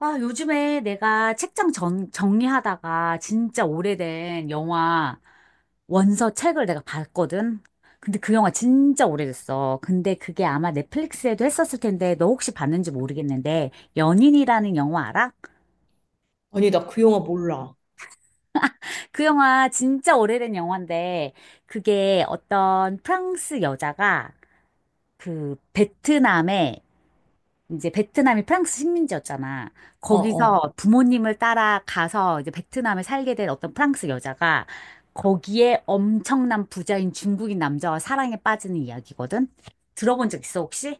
아, 요즘에 내가 책장 정리하다가 진짜 오래된 영화 원서 책을 내가 봤거든? 근데 그 영화 진짜 오래됐어. 근데 그게 아마 넷플릭스에도 했었을 텐데 너 혹시 봤는지 모르겠는데 연인이라는 영화 알아? 아니, 나 그 영화 몰라. 그 영화 진짜 오래된 영화인데 그게 어떤 프랑스 여자가 그 베트남에 이제 베트남이 프랑스 식민지였잖아. 어, 어. 거기서 부모님을 따라가서 이제 베트남에 살게 된 어떤 프랑스 여자가 거기에 엄청난 부자인 중국인 남자와 사랑에 빠지는 이야기거든. 들어본 적 있어, 혹시?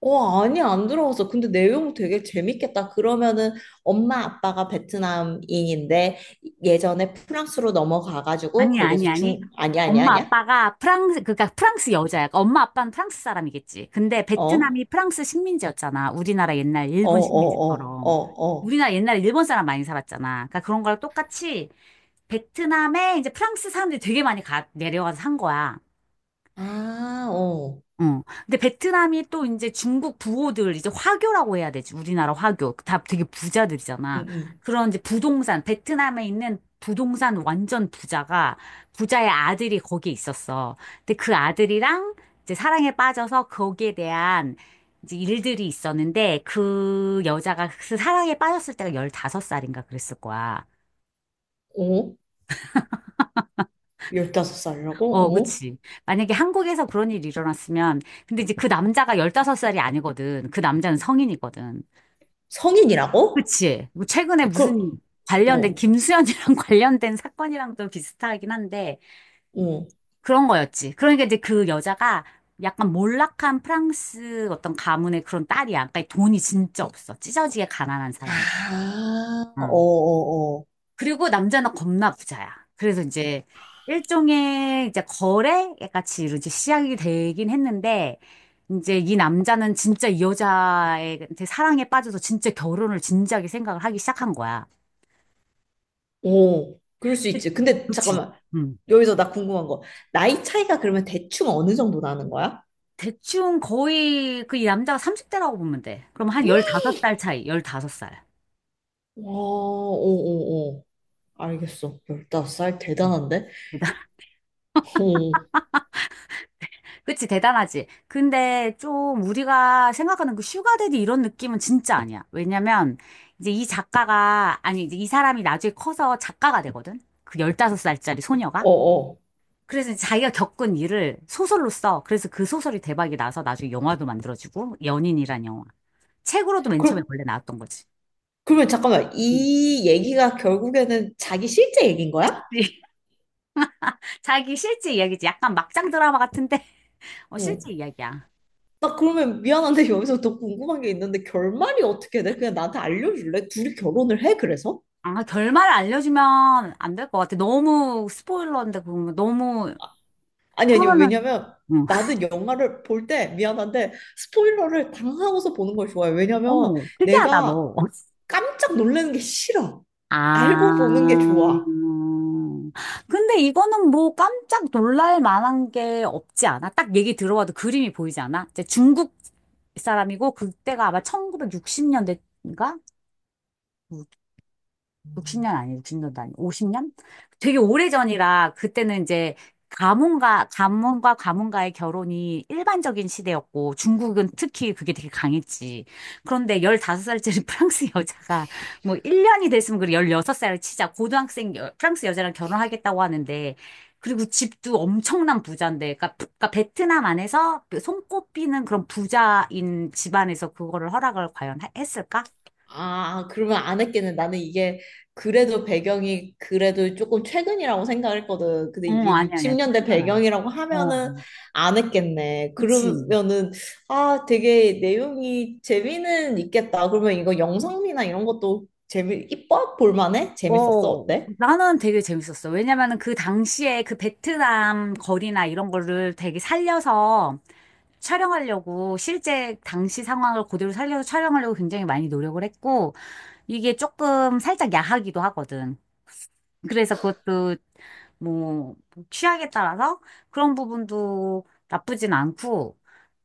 어, 아니, 안 들어봤어. 근데 내용 되게 재밌겠다. 그러면은 엄마 아빠가 베트남인인데 예전에 프랑스로 넘어가가지고 아니, 거기에서 아니, 아니. 중, 아니야, 아니야, 엄마 아니야? 아빠가 프랑스, 그러니까 프랑스 여자야. 엄마 아빠는 프랑스 사람이겠지. 근데 어? 어, 베트남이 프랑스 식민지였잖아. 우리나라 옛날 어, 일본 어, 어, 식민지처럼. 어. 우리나라 옛날에 일본 사람 많이 살았잖아. 그러니까 그런 거랑 똑같이 베트남에 이제 프랑스 사람들이 되게 많이 내려와서 산 거야. 아, 어. 어. 근데 베트남이 또 이제 중국 부호들 이제 화교라고 해야 되지. 우리나라 화교. 다 되게 부자들이잖아. 응, 그런 이제 부동산, 베트남에 있는 부동산 완전 부자가 부자의 아들이 거기에 있었어. 근데 그 아들이랑 이제 사랑에 빠져서 거기에 대한 이제 일들이 있었는데 그 여자가 그 사랑에 빠졌을 때가 15살인가 그랬을 거야. 응. 어? 15살이라고? 어, 어? 그치. 만약에 한국에서 그런 일이 일어났으면 근데 이제 그 남자가 15살이 아니거든. 그 남자는 성인이거든. 성인이라고? 그치. 뭐 최근에 그, 무슨 관련된, 어, 김수현이랑 관련된 사건이랑도 비슷하긴 한데, 어. 그런 거였지. 그러니까 이제 그 여자가 약간 몰락한 프랑스 어떤 가문의 그런 딸이야. 그러니까 돈이 진짜 없어. 찢어지게 가난한 사람이. 아, 어, 응. 어, 어. 그리고 남자는 겁나 부자야. 그래서 이제 일종의 이제 거래 같이 이제 시작이 되긴 했는데, 이제 이 남자는 진짜 이 여자한테 사랑에 빠져서 진짜 결혼을 진지하게 생각을 하기 시작한 거야. 오, 그럴 수 있지. 근데 그치. 잠깐만. 응. 여기서 나 궁금한 거. 나이 차이가 그러면 대충 어느 정도 나는 거야? 대충 거의 그 이 남자가 30대라고 보면 돼. 그럼 한 와, 15살 차이, 15살. 오. 알겠어. 15살 음. 대단한데? 대단, 오, 그치, 대단하지. 근데 좀 우리가 생각하는 그 슈가데디 이런 느낌은 진짜 아니야. 왜냐면 이제 이 작가가, 아니, 이제 이 사람이 나중에 커서 작가가 되거든? 그 15살짜리 소녀가. 어, 어. 그래서 이제 자기가 겪은 일을 소설로 써. 그래서 그 소설이 대박이 나서 나중에 영화도 만들어지고, 연인이란 영화. 책으로도 맨 처음에 그럼, 원래 나왔던 거지. 그러면 잠깐만. 음. 이 얘기가 결국에는 자기 실제 얘기인 거야? 자기 실제 이야기지. 약간 막장 드라마 같은데, 어, 실제 어. 이야기야. 나 그러면 미안한데 여기서 더 궁금한 게 있는데 결말이 어떻게 돼? 그냥 나한테 알려줄래? 둘이 결혼을 해, 그래서? 아, 결말을 알려주면 안 될 것 같아. 너무 스포일러인데, 그러면 너무, 아니, 그러면은, 왜냐면 응. 나는 영화를 볼 때 미안한데 스포일러를 당하고서 보는 걸 좋아해. 왜냐면 어머, 특이하다, 내가 너. 깜짝 놀라는 게 싫어. 아, 알고 보는 게 좋아. 근데 이거는 뭐 깜짝 놀랄 만한 게 없지 않아? 딱 얘기 들어봐도 그림이 보이지 않아? 이제 중국 사람이고, 그때가 아마 1960년대인가? 60년 아니, 6진년도 아니, 50년? 되게 오래전이라 그때는 이제 가문과 가문과의 결혼이 일반적인 시대였고 중국은 특히 그게 되게 강했지. 그런데 15살짜리 프랑스 여자가 뭐 1년이 됐으면 그래 16살을 치자 고등학생 프랑스 여자랑 결혼하겠다고 하는데 그리고 집도 엄청난 부자인데 그러니까, 그러니까 베트남 안에서 그 손꼽히는 그런 부자인 집안에서 그거를 허락을 과연 했을까? 아, 그러면 안 했겠네. 나는 이게 그래도 배경이 그래도 조금 최근이라고 생각했거든. 근데 어, 이게 아니, 아니, 60년대 태어난 아니지. 배경이라고 하면은 안 했겠네. 그치. 그러면은 아, 되게 내용이 재미는 있겠다. 그러면 이거 영상미나 이런 것도 재미, 이뻐? 볼만해? 재밌었어? 어, 어때? 나는 되게 재밌었어. 왜냐면은 그 당시에 그 베트남 거리나 이런 거를 되게 살려서 촬영하려고 실제 당시 상황을 그대로 살려서 촬영하려고 굉장히 많이 노력을 했고 이게 조금 살짝 야하기도 하거든. 그래서 그것도 뭐 취향에 따라서 그런 부분도 나쁘진 않고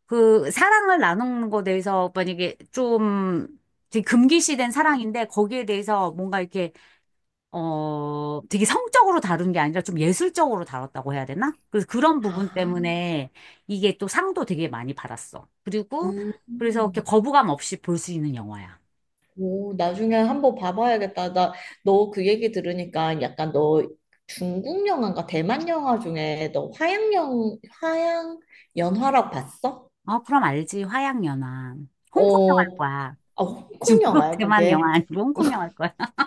그 사랑을 나누는 거에 대해서 만약에 좀 되게 금기시된 사랑인데 거기에 대해서 뭔가 이렇게 어, 되게 성적으로 다룬 게 아니라 좀 예술적으로 다뤘다고 해야 되나? 그래서 그런 부분 아, 때문에 이게 또 상도 되게 많이 받았어. 그리고 그래서 이렇게 음. 거부감 없이 볼 수 있는 영화야. 오, 나중에 한번 봐봐야겠다. 나, 너 그 얘기 들으니까 약간 너 중국 영화인가 대만 영화 중에 너 화양영, 화양 연화라고 봤어? 어, 그럼 알지. 화양연화. 홍콩 영화일 어, 거야. 아, 홍콩 중국, 영화야, 대만 그게. 영화 아니고 홍콩 영화일 거야.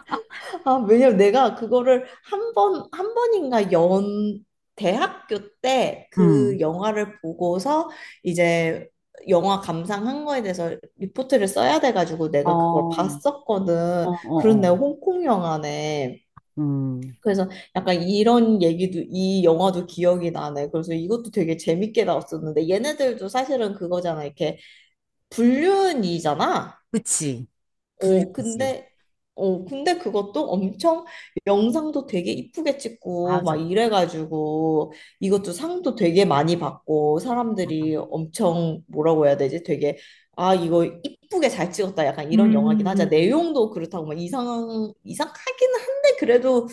아, 왜냐면 내가 그거를 한 번인가 연, 대학교 때 그 음. 영화를 보고서 이제 영화 감상한 거에 대해서 리포트를 써야 돼가지고 어, 내가 그걸 어, 봤었거든. 어, 그런 어. 내가 홍콩 영화네. 음. 그래서 약간 이런 얘기도, 이 영화도 기억이 나네. 그래서 이것도 되게 재밌게 나왔었는데 얘네들도 사실은 그거잖아. 이렇게 불륜이잖아. 그치. 어, 불리지. 근데, 어, 근데 그것도 엄청 영상도 되게 이쁘게 찍고 막 맞아. 이래가지고 이것도 상도 되게 많이 받고 사람들이 엄청 뭐라고 해야 되지? 되게 아, 이거 이쁘게 잘 찍었다. 약간 이런 영화긴 하자. 음. 내용도 그렇다고 막 이상, 이상하긴 한데 그래도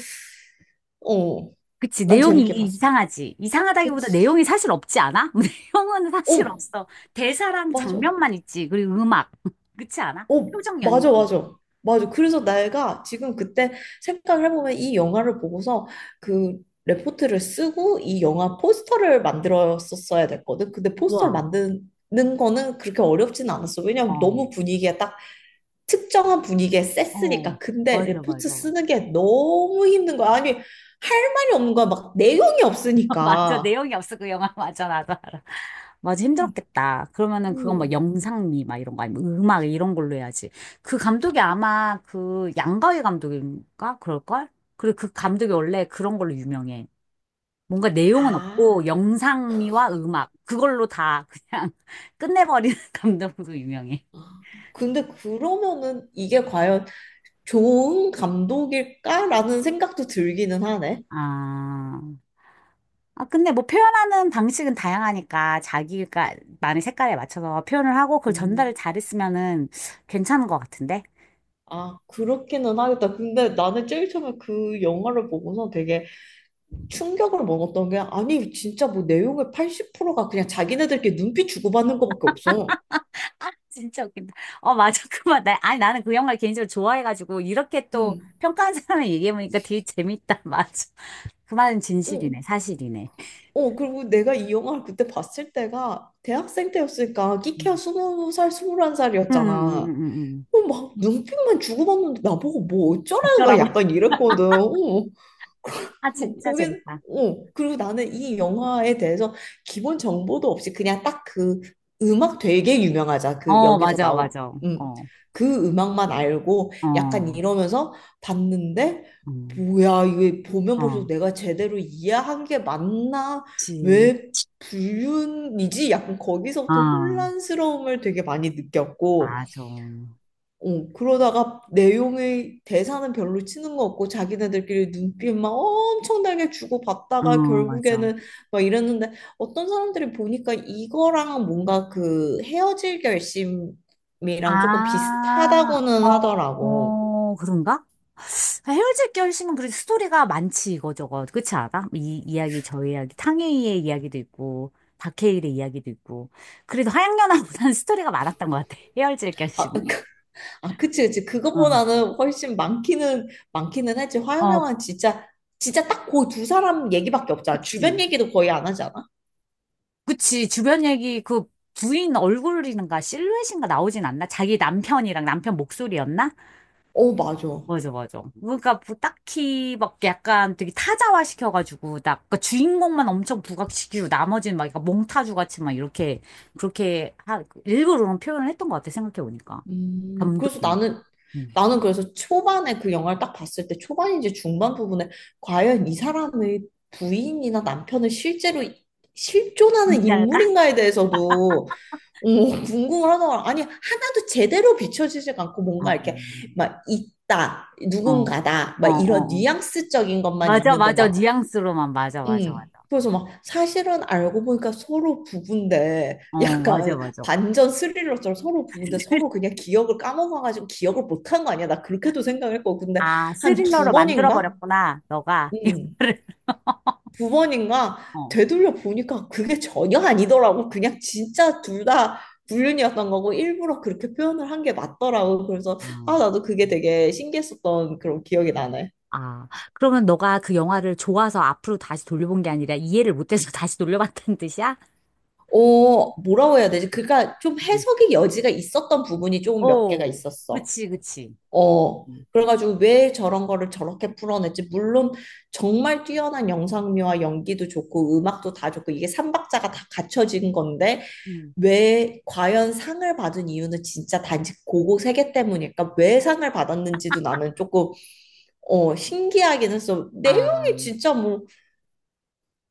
어, 그치, 난 내용이 재밌게 봤어. 이상하지. 이상하다기보다 그치? 내용이 사실 없지 않아? 내용은 사실 어, 없어. 대사랑 맞아. 장면만 있지. 그리고 음악. 그치 않아? 어, 표정 맞아, 연기. 맞아. 맞아. 그래서 내가 지금 그때 생각을 해보면 이 영화를 보고서 그 레포트를 쓰고 이 영화 포스터를 만들었었어야 됐거든. 근데 포스터를 와, 만드는 거는 그렇게 어렵진 않았어. 왜냐면 어, 너무 분위기에 딱 특정한 분위기에 어. 셌으니까. 근데 맞아, 레포트 맞아, 맞아. 쓰는 게 너무 힘든 거야. 아니, 할 말이 없는 거야. 막 내용이 맞아, 없으니까. 내용이 없어, 그 영화. 맞아, 나도 알아. 맞아, 음. 힘들었겠다. 그러면은 그건 뭐 음. 영상미, 막 이런 거 아니면 음악 이런 걸로 해야지. 그 감독이 아마 그 양가위 감독인가? 그럴걸? 그리고 그 감독이 원래 그런 걸로 유명해. 뭔가 내용은 아. 없고 영상미와 음악 그걸로 다 그냥 끝내버리는 감독으로 유명해. 근데 그러면은 이게 과연 좋은 감독일까라는 생각도 들기는 하네. 아, 아 근데 뭐 표현하는 방식은 다양하니까 자기가 많은 색깔에 맞춰서 표현을 하고 그걸 전달을 음, 잘했으면은 괜찮은 것 같은데. 아, 그렇기는 하겠다. 근데 나는 제일 처음에 그 영화를 보고서 되게 충격을 먹었던 게, 아니, 진짜 뭐 내용의 80%가 그냥 자기네들끼리 눈빛 주고받는 것밖에 없어. 진짜 웃긴다. 어 맞아 그만. 나, 아니 나는 그 영화를 개인적으로 좋아해가지고 이렇게 또 음. 평가하는 사람을 얘기해보니까 되게 재밌다. 맞아. 그 말은 어, 진실이네, 사실이네. 어, 그리고 내가 이 영화를 그때 봤을 때가 대학생 때였으니까 끼케야 음, 스무 살, 스물한 살이었잖아. 음. 어, 막 눈빛만 주고받는데 나보고 뭐 어쩌라는 거야 그더라고. 약간 이랬거든. 어. 아 진짜 거기 재밌다. 어 그리고 나는 이 영화에 대해서 기본 정보도 없이 그냥 딱 그 음악 되게 유명하자 그 어, 여기서 맞아, 나온 맞아. 어, 음, 어, 그 음악만 알고 약간 이러면서 봤는데 어 뭐야 이게 보면 볼수록 어, 내가 제대로 이해한 게 맞나 그치. 왜 불륜이지 약간 거기서부터 아, 혼란스러움을 되게 많이 느꼈고 맞아. 어, 어, 그러다가 내용의 대사는 별로 치는 거 없고 자기네들끼리 눈빛 막 엄청나게 주고받다가 맞아. 결국에는 막 이랬는데 어떤 사람들이 보니까 이거랑 뭔가 그 헤어질 결심이랑 조금 아, 비슷하다고는 하더라고. 어, 그런가? 아, 헤어질 결심은 그래도 스토리가 많지, 이거 저거. 그렇지 않아? 이 이야기, 저 이야기, 탕웨이의 이야기도 있고, 박해일의 이야기도 있고. 그래도 하양연화보다는 스토리가 많았던 것 같아. 헤어질 아, 결심은. 그- 아 그치 그치 어, 그것보다는 훨씬 많기는 했지. 어, 화영영은 진짜 진짜 딱 그 두 사람 얘기밖에 없잖아. 주변 그치. 얘기도 거의 안 하잖아. 그치, 주변 얘기, 그 부인 얼굴인가 실루엣인가 나오진 않나? 자기 남편이랑 남편 목소리였나? 어 맞아. 맞아, 맞아. 그러니까 뭐 딱히 막 약간 되게 타자화 시켜가지고, 딱, 그 주인공만 엄청 부각시키고, 나머지는 막 약간 몽타주 같이 막 이렇게, 그렇게, 하, 일부러 그런 표현을 했던 것 같아, 생각해보니까. 그래서 감독이. 나는 음. 나는 그래서 초반에 그 영화를 딱 봤을 때 초반인지 중반 부분에 과연 이 사람의 부인이나 남편을 실제로 실존하는 뭔지 알까? 인물인가에 대해서도 오, 궁금하더라. 아니, 하나도 제대로 비춰지지 않고 어, 뭔가 이렇게 막 있다, 어, 누군가다, 막 어, 이런 어. 어. 뉘앙스적인 것만 맞아, 있는데 맞아. 막 뉘앙스로만, 맞아, 맞아, 맞아. 그래서 막 사실은 알고 보니까 서로 부부인데 어, 맞아, 약간 맞아. 반전 스릴러처럼 서로 부부인데 서로 그냥 기억을 까먹어가지고 기억을 못한 거 아니야? 나 그렇게도 생각했고 근데 아, 한 두 스릴러로 번인가? 만들어버렸구나, 너가. 음. 영화를. 두 번인가 어. 되돌려 보니까 그게 전혀 아니더라고. 그냥 진짜 둘 다 불륜이었던 거고 일부러 그렇게 표현을 한 게 맞더라고. 그래서 아, 아 나도 그게 되게 신기했었던 그런 기억이 나네. 아, 그러면 너가 그 영화를 좋아서 앞으로 다시 돌려본 게 아니라 이해를 못해서 다시 돌려봤다는 뜻이야? 어, 뭐라고 해야 되지? 그러니까 좀 음. 해석의 여지가 있었던 부분이 조금 몇 개가 오, 있었어. 그치, 그치. 어, 음, 그래가지고 왜 저런 거를 저렇게 풀어냈지? 물론 정말 뛰어난 영상미와 연기도 좋고 음악도 다 좋고 이게 삼박자가 다 갖춰진 건데 음, 왜 과연 상을 받은 이유는 진짜 단지 고고 세계 때문일까? 왜 상을 받았는지도 나는 조금 어, 신기하긴 했어. 내용이 아, 진짜 뭐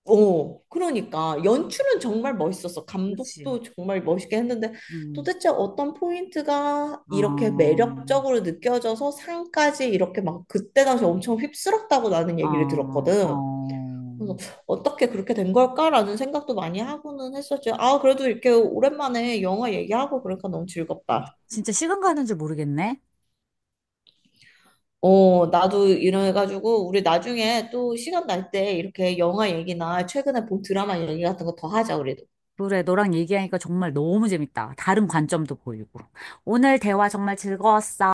어, 그러니까 연출은 정말 멋있었어. 그치. 감독도 정말 멋있게 했는데 음, 도대체 어떤 포인트가 이렇게 어, 매력적으로 느껴져서 상까지 이렇게 막 그때 당시 엄청 휩쓸었다고 나는 얘기를 어, 들었거든. 어. 그래서 어떻게 그렇게 된 걸까라는 생각도 많이 하고는 했었지. 아, 그래도 이렇게 오랜만에 영화 얘기하고 그러니까 너무 즐겁다. 진짜 시간 가는 줄 모르겠네. 어, 나도 이래가지고 우리 나중에 또 시간 날 때 이렇게 영화 얘기나 최근에 본 드라마 얘기 같은 거 더 하자, 우리. 그래, 너랑 얘기하니까 정말 너무 재밌다. 다른 관점도 보이고. 오늘 대화 정말 즐거웠어.